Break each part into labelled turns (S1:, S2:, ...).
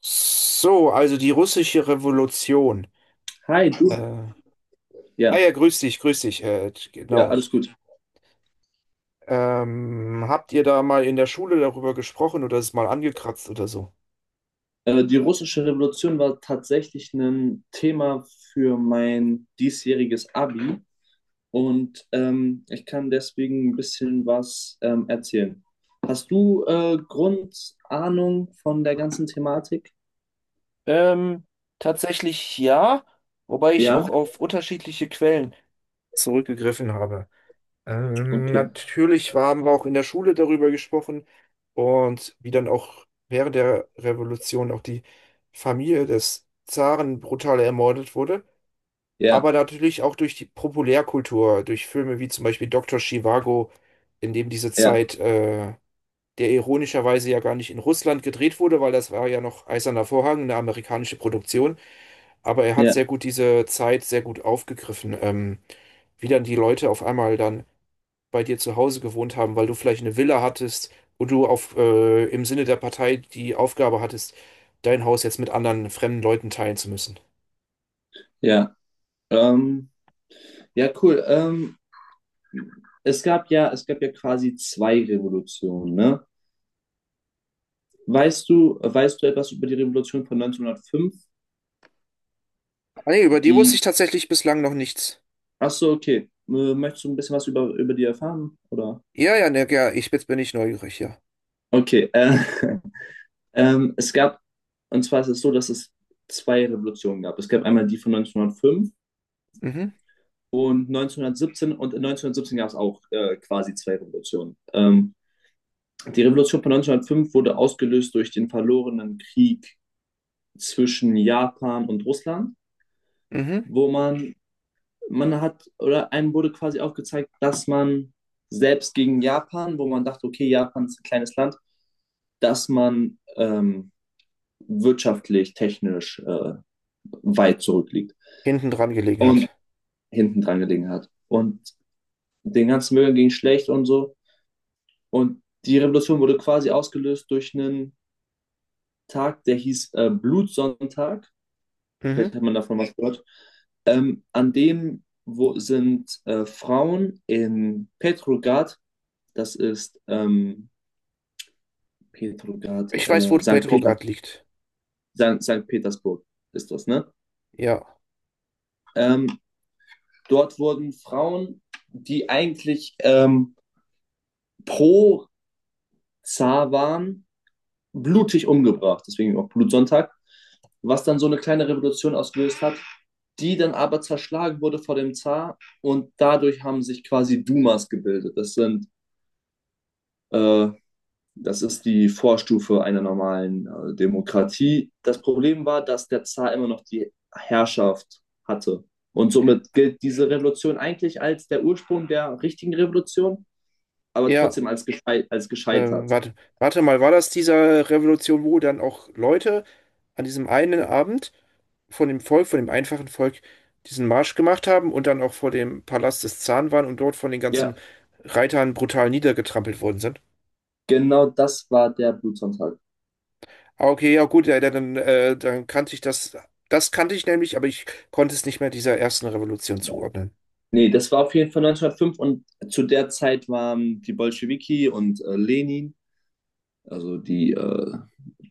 S1: So, also die russische Revolution.
S2: Hi, du.
S1: Äh, ah
S2: Ja,
S1: ja, grüß dich, grüß dich.
S2: ja,
S1: Genau.
S2: alles gut.
S1: Habt ihr da mal in der Schule darüber gesprochen oder es mal angekratzt oder so?
S2: Die russische Revolution war tatsächlich ein Thema für mein diesjähriges Abi, und ich kann deswegen ein bisschen was erzählen. Hast du Grundahnung von der ganzen Thematik?
S1: Ähm, Tatsächlich ja, wobei ich
S2: Ja,
S1: auch auf unterschiedliche Quellen zurückgegriffen habe.
S2: okay.
S1: Natürlich haben wir auch in der Schule darüber gesprochen und wie dann auch während der Revolution auch die Familie des Zaren brutal ermordet wurde.
S2: Ja,
S1: Aber natürlich auch durch die Populärkultur, durch Filme wie zum Beispiel Doktor Zhivago, in dem diese
S2: ja,
S1: Zeit, der ironischerweise ja gar nicht in Russland gedreht wurde, weil das war ja noch Eiserner Vorhang, eine amerikanische Produktion. Aber er hat sehr
S2: ja,
S1: gut diese Zeit sehr gut aufgegriffen, wie dann die Leute auf einmal dann bei dir zu Hause gewohnt haben, weil du vielleicht eine Villa hattest und du auf, im Sinne der Partei die Aufgabe hattest, dein Haus jetzt mit anderen fremden Leuten teilen zu müssen.
S2: ja. Ähm, ja, cool. Es gab ja quasi zwei Revolutionen, ne? Weißt du etwas über die Revolution von 1905,
S1: Ah, nee, über die wusste
S2: die.
S1: ich tatsächlich bislang noch nichts.
S2: Ach so, okay. Möchtest du ein bisschen was über die erfahren? Oder?
S1: Ja, ja, ne, ja, ich, jetzt bin ich neugierig, ja.
S2: Okay. Ähm, es gab, und zwar ist es so, dass es zwei Revolutionen gab. Es gab einmal die von 1905
S1: Mhm,
S2: und 1917, und in 1917 gab es auch quasi zwei Revolutionen. Die Revolution von 1905 wurde ausgelöst durch den verlorenen Krieg zwischen Japan und Russland,
S1: mhm.
S2: wo man hat, oder einem wurde quasi aufgezeigt, dass man selbst gegen Japan, wo man dachte, okay, Japan ist ein kleines Land, dass man wirtschaftlich, technisch weit zurückliegt
S1: Hinten dran gelegen
S2: und
S1: hat.
S2: hinten dran gelegen hat. Und den ganzen Müll ging schlecht und so. Und die Revolution wurde quasi ausgelöst durch einen Tag, der hieß Blutsonntag.
S1: Mhm.
S2: Vielleicht hat man davon was gehört. An dem wo sind Frauen in Petrograd. Das ist Petrograd,
S1: Ich weiß, wo
S2: St. Peter,
S1: Petrograd liegt.
S2: St. Petersburg ist das, ne?
S1: Ja,
S2: Ähm, dort wurden Frauen, die eigentlich pro Zar waren, blutig umgebracht, deswegen auch Blutsonntag, was dann so eine kleine Revolution ausgelöst hat, die dann aber zerschlagen wurde vor dem Zar, und dadurch haben sich quasi Dumas gebildet. Äh, Das ist die Vorstufe einer normalen Demokratie. Das Problem war, dass der Zar immer noch die Herrschaft hatte. Und somit gilt diese Revolution eigentlich als der Ursprung der richtigen Revolution, aber
S1: ja.
S2: trotzdem als gescheitert.
S1: Warte, warte mal, war das dieser Revolution, wo dann auch Leute an diesem einen Abend von dem Volk, von dem einfachen Volk, diesen Marsch gemacht haben und dann auch vor dem Palast des Zaren waren und dort von den ganzen
S2: Ja,
S1: Reitern brutal niedergetrampelt worden sind?
S2: genau das war der Blutsonntag.
S1: Ah, okay, ja gut, ja, dann, dann kannte ich das. Das kannte ich nämlich, aber ich konnte es nicht mehr dieser ersten Revolution
S2: Ja.
S1: zuordnen.
S2: Nee, das war auf jeden Fall 1905, und zu der Zeit waren die Bolschewiki und Lenin, also die, äh,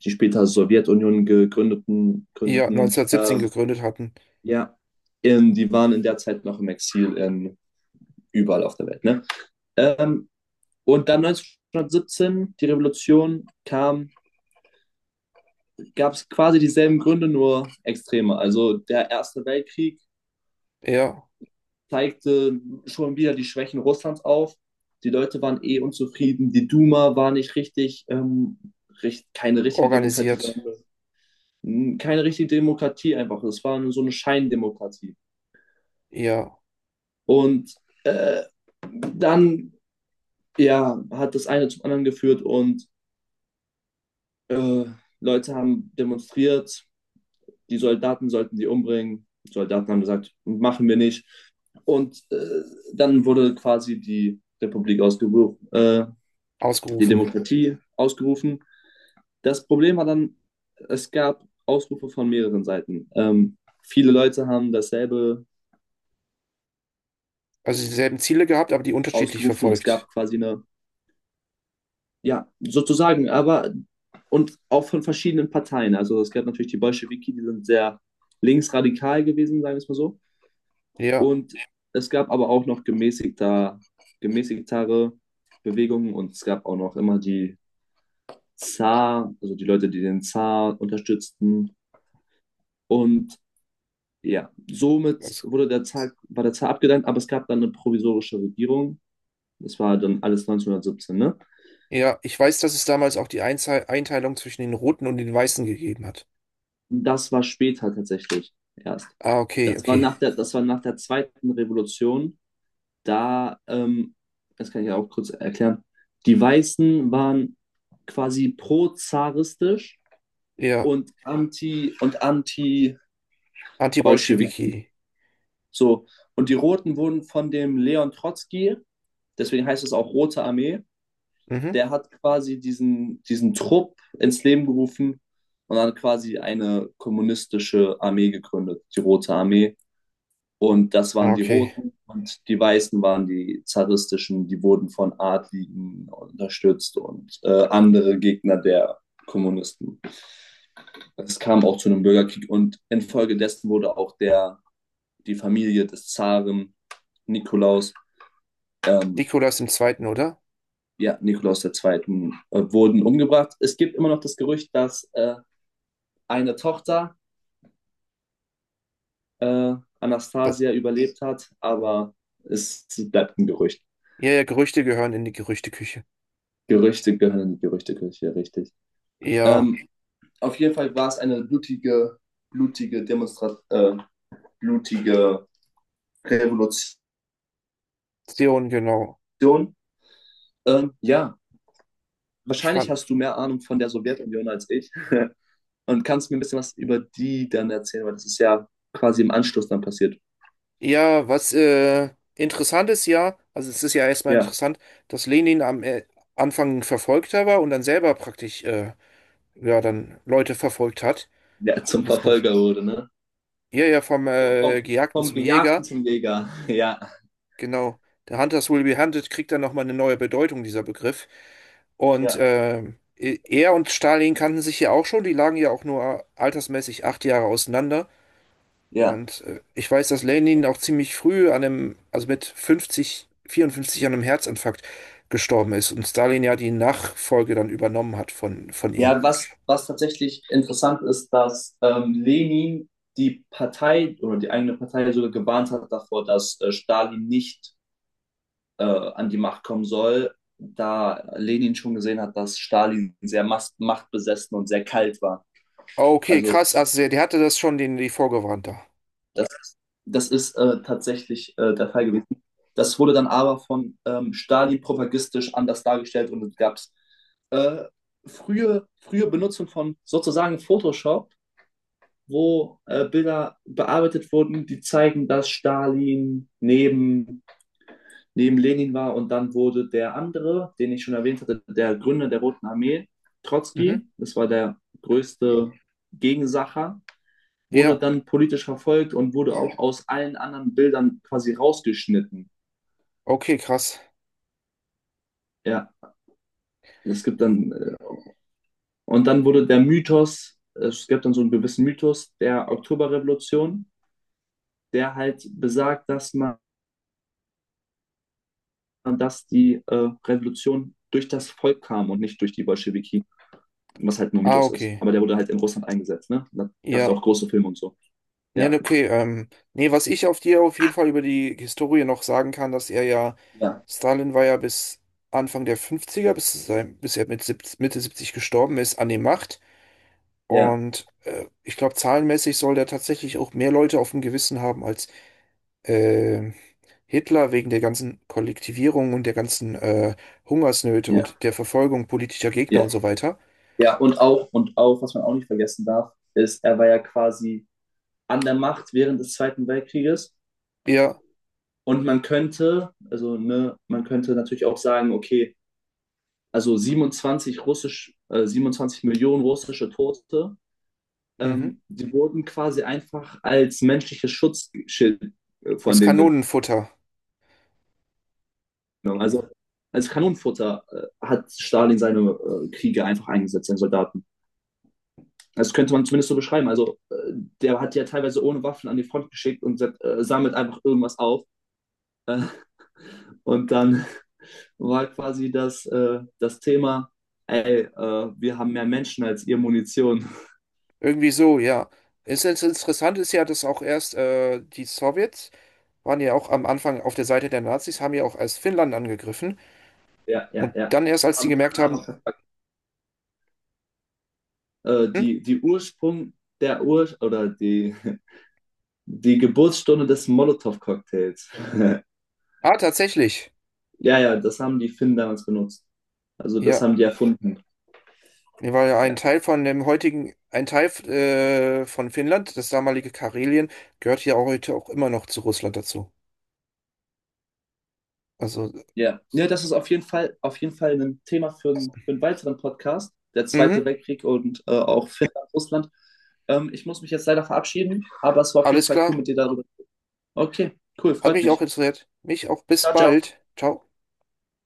S2: die später Sowjetunion gegründeten,
S1: Ja,
S2: gegründeten äh,
S1: 1917 gegründet hatten.
S2: Ja, die waren in der Zeit noch im Exil in überall auf der Welt. Ne? Ähm, und dann 1917, die Revolution kam, gab es quasi dieselben Gründe, nur extreme. Also der Erste Weltkrieg
S1: Eher
S2: zeigte schon wieder die Schwächen Russlands auf. Die Leute waren eh unzufrieden. Die Duma war nicht richtig, keine richtige Demokratie, sondern
S1: organisiert,
S2: keine richtige Demokratie einfach. Es war nur so eine Scheindemokratie.
S1: eher
S2: Und äh, dann ja, hat das eine zum anderen geführt, und äh, Leute haben demonstriert, die Soldaten sollten die umbringen. Die Soldaten haben gesagt, machen wir nicht. Und dann wurde quasi die Republik ausgerufen, die
S1: ausgerufen.
S2: Demokratie ausgerufen. Das Problem war dann, es gab Ausrufe von mehreren Seiten. Viele Leute haben dasselbe
S1: Also dieselben Ziele gehabt, aber die unterschiedlich
S2: ausgerufen, und es gab
S1: verfolgt.
S2: quasi eine. Ja, sozusagen, aber und auch von verschiedenen Parteien. Also es gab natürlich die Bolschewiki, die sind sehr linksradikal gewesen, sagen wir es mal so.
S1: Ja,
S2: Und es gab aber auch noch gemäßigtere Bewegungen, und es gab auch noch immer die Zar, also die Leute, die den Zar unterstützten. Und ja, somit
S1: das,
S2: war der Zar abgedankt, aber es gab dann eine provisorische Regierung. Das war dann alles 1917, ne?
S1: ja, ich weiß, dass es damals auch die Einteilung zwischen den Roten und den Weißen gegeben hat.
S2: Das war später tatsächlich erst.
S1: Ah, okay,
S2: Das war
S1: okay.
S2: nach der zweiten Revolution. Da, das kann ich ja auch kurz erklären. Die Weißen waren quasi pro-zaristisch
S1: Ja,
S2: und anti-Bolschewik.
S1: Anti-Bolschewiki.
S2: So. Und die Roten wurden von dem Leon Trotzki, deswegen heißt es auch Rote Armee.
S1: Mhm,
S2: Der hat quasi diesen Trupp ins Leben gerufen und dann quasi eine kommunistische Armee gegründet, die Rote Armee. Und das waren
S1: ah,
S2: die
S1: okay.
S2: Roten, und die Weißen waren die zaristischen, die wurden von Adligen unterstützt und andere Gegner der Kommunisten. Es kam auch zu einem Bürgerkrieg, und infolgedessen wurde auch die Familie des Zaren Nikolaus, ähm,
S1: Nikolaus im Zweiten, oder?
S2: ja, Nikolaus II. Wurden umgebracht. Es gibt immer noch das Gerücht, dass eine Tochter,
S1: Das,
S2: Anastasia, überlebt hat, aber es bleibt ein Gerücht.
S1: ja, ja, Gerüchte gehören in die Gerüchteküche.
S2: Gerüchte gehören in die Gerüchteküche, richtig.
S1: Ja,
S2: Ähm, auf jeden Fall war es eine blutige, blutige Demonstration, blutige Revolution.
S1: Zion, genau.
S2: Ja,
S1: Ich
S2: wahrscheinlich
S1: fand,
S2: hast du mehr Ahnung von der Sowjetunion als ich und kannst mir ein bisschen was über die dann erzählen, weil das ist ja quasi im Anschluss dann passiert.
S1: ja, was, interessant ist ja, also es ist ja erstmal
S2: Ja,
S1: interessant, dass Lenin am Anfang ein Verfolgter war und dann selber praktisch ja dann Leute verfolgt hat.
S2: der zum
S1: Muss man s-
S2: Verfolger wurde, ne?
S1: ja ja vom
S2: Vom,
S1: Gejagten
S2: vom
S1: zum
S2: Gejagten
S1: Jäger,
S2: zum Jäger. Ja,
S1: genau. Der Hunters will be hunted kriegt dann nochmal eine neue Bedeutung, dieser Begriff. Und
S2: ja,
S1: er und Stalin kannten sich ja auch schon, die lagen ja auch nur altersmäßig 8 Jahre auseinander.
S2: ja.
S1: Und ich weiß, dass Lenin auch ziemlich früh an einem, also mit 50, 54 an einem Herzinfarkt gestorben ist und Stalin ja die Nachfolge dann übernommen hat von ihm.
S2: Ja, was tatsächlich interessant ist, dass Lenin die Partei oder die eigene Partei sogar gewarnt hat davor, dass Stalin nicht an die Macht kommen soll, da Lenin schon gesehen hat, dass Stalin sehr machtbesessen und sehr kalt war.
S1: Okay,
S2: Also
S1: krass, also der, der hatte das schon, den, die vorgewarnt da.
S2: das, das ist tatsächlich der Fall gewesen. Das wurde dann aber von Stalin propagandistisch anders dargestellt, und es gab äh, frühe Benutzung von sozusagen Photoshop, wo Bilder bearbeitet wurden, die zeigen, dass Stalin neben, Lenin war, und dann wurde der andere, den ich schon erwähnt hatte, der Gründer der Roten Armee,
S1: Mhm.
S2: Trotzki, das war der größte Gegensacher, wurde
S1: Ja,
S2: dann politisch verfolgt und wurde auch aus allen anderen Bildern quasi rausgeschnitten.
S1: okay, krass.
S2: Ja, es gibt dann, äh, und dann wurde der Mythos. Es gibt dann so einen gewissen Mythos der Oktoberrevolution, der halt besagt, dass die Revolution durch das Volk kam und nicht durch die Bolschewiki, was halt nur
S1: Ah,
S2: Mythos ist.
S1: okay.
S2: Aber der wurde halt in Russland eingesetzt, ne? Da gab es
S1: Ja.
S2: auch große Filme und so.
S1: Ja,
S2: Ja,
S1: okay. Nee, was ich auf dir auf jeden Fall über die Historie noch sagen kann, dass er ja,
S2: ja,
S1: Stalin war ja bis Anfang der 50er, bis, zu seinem, bis er mit Mitte 70 gestorben ist, an der Macht.
S2: ja,
S1: Und ich glaube, zahlenmäßig soll der tatsächlich auch mehr Leute auf dem Gewissen haben als äh, Hitler wegen der ganzen Kollektivierung und der ganzen Hungersnöte
S2: ja,
S1: und der Verfolgung politischer Gegner
S2: ja.
S1: und so weiter.
S2: Ja, und auch, was man auch nicht vergessen darf, ist, er war ja quasi an der Macht während des Zweiten Weltkrieges.
S1: Ja,
S2: Und also ne, man könnte natürlich auch sagen, okay, also 27 russisch, 27 Millionen russische Tote.
S1: mhm.
S2: Die wurden quasi einfach als menschliches Schutzschild von
S1: Als
S2: dem genommen.
S1: Kanonenfutter.
S2: Also als Kanonenfutter hat Stalin seine Kriege einfach eingesetzt, seine Soldaten. Das könnte man zumindest so beschreiben. Also der hat die ja teilweise ohne Waffen an die Front geschickt und sammelt einfach irgendwas auf. Äh, und dann war quasi das Thema, ey, wir haben mehr Menschen als ihr Munition.
S1: Irgendwie so, ja. Es ist interessant ist ja, dass auch erst die Sowjets waren ja auch am Anfang auf der Seite der Nazis, haben ja auch erst Finnland angegriffen
S2: Ja, ja,
S1: und
S2: ja.
S1: dann erst, als die
S2: Haben
S1: gemerkt
S2: dann aber
S1: haben, hm,
S2: die Ursprung, der Ur, oder die. Die Geburtsstunde des Molotow-Cocktails.
S1: ah, tatsächlich.
S2: Ja, ja, das haben die Finnen damals benutzt. Also das
S1: Ja,
S2: haben die erfunden.
S1: nee, weil ein
S2: Ja,
S1: Teil von dem heutigen, ein Teil von Finnland, das damalige Karelien, gehört ja auch heute auch immer noch zu Russland dazu. Also,
S2: ja. Ja, das ist auf jeden Fall ein Thema für einen weiteren Podcast. Der Zweite
S1: mhm,
S2: Weltkrieg und auch Finnland, Russland. Ich muss mich jetzt leider verabschieden, aber es war auf jeden
S1: alles
S2: Fall cool
S1: klar.
S2: mit dir darüber. Okay, cool,
S1: Hat
S2: freut
S1: mich
S2: mich.
S1: auch interessiert. Mich auch. Bis
S2: Ciao, ciao.
S1: bald. Ciao.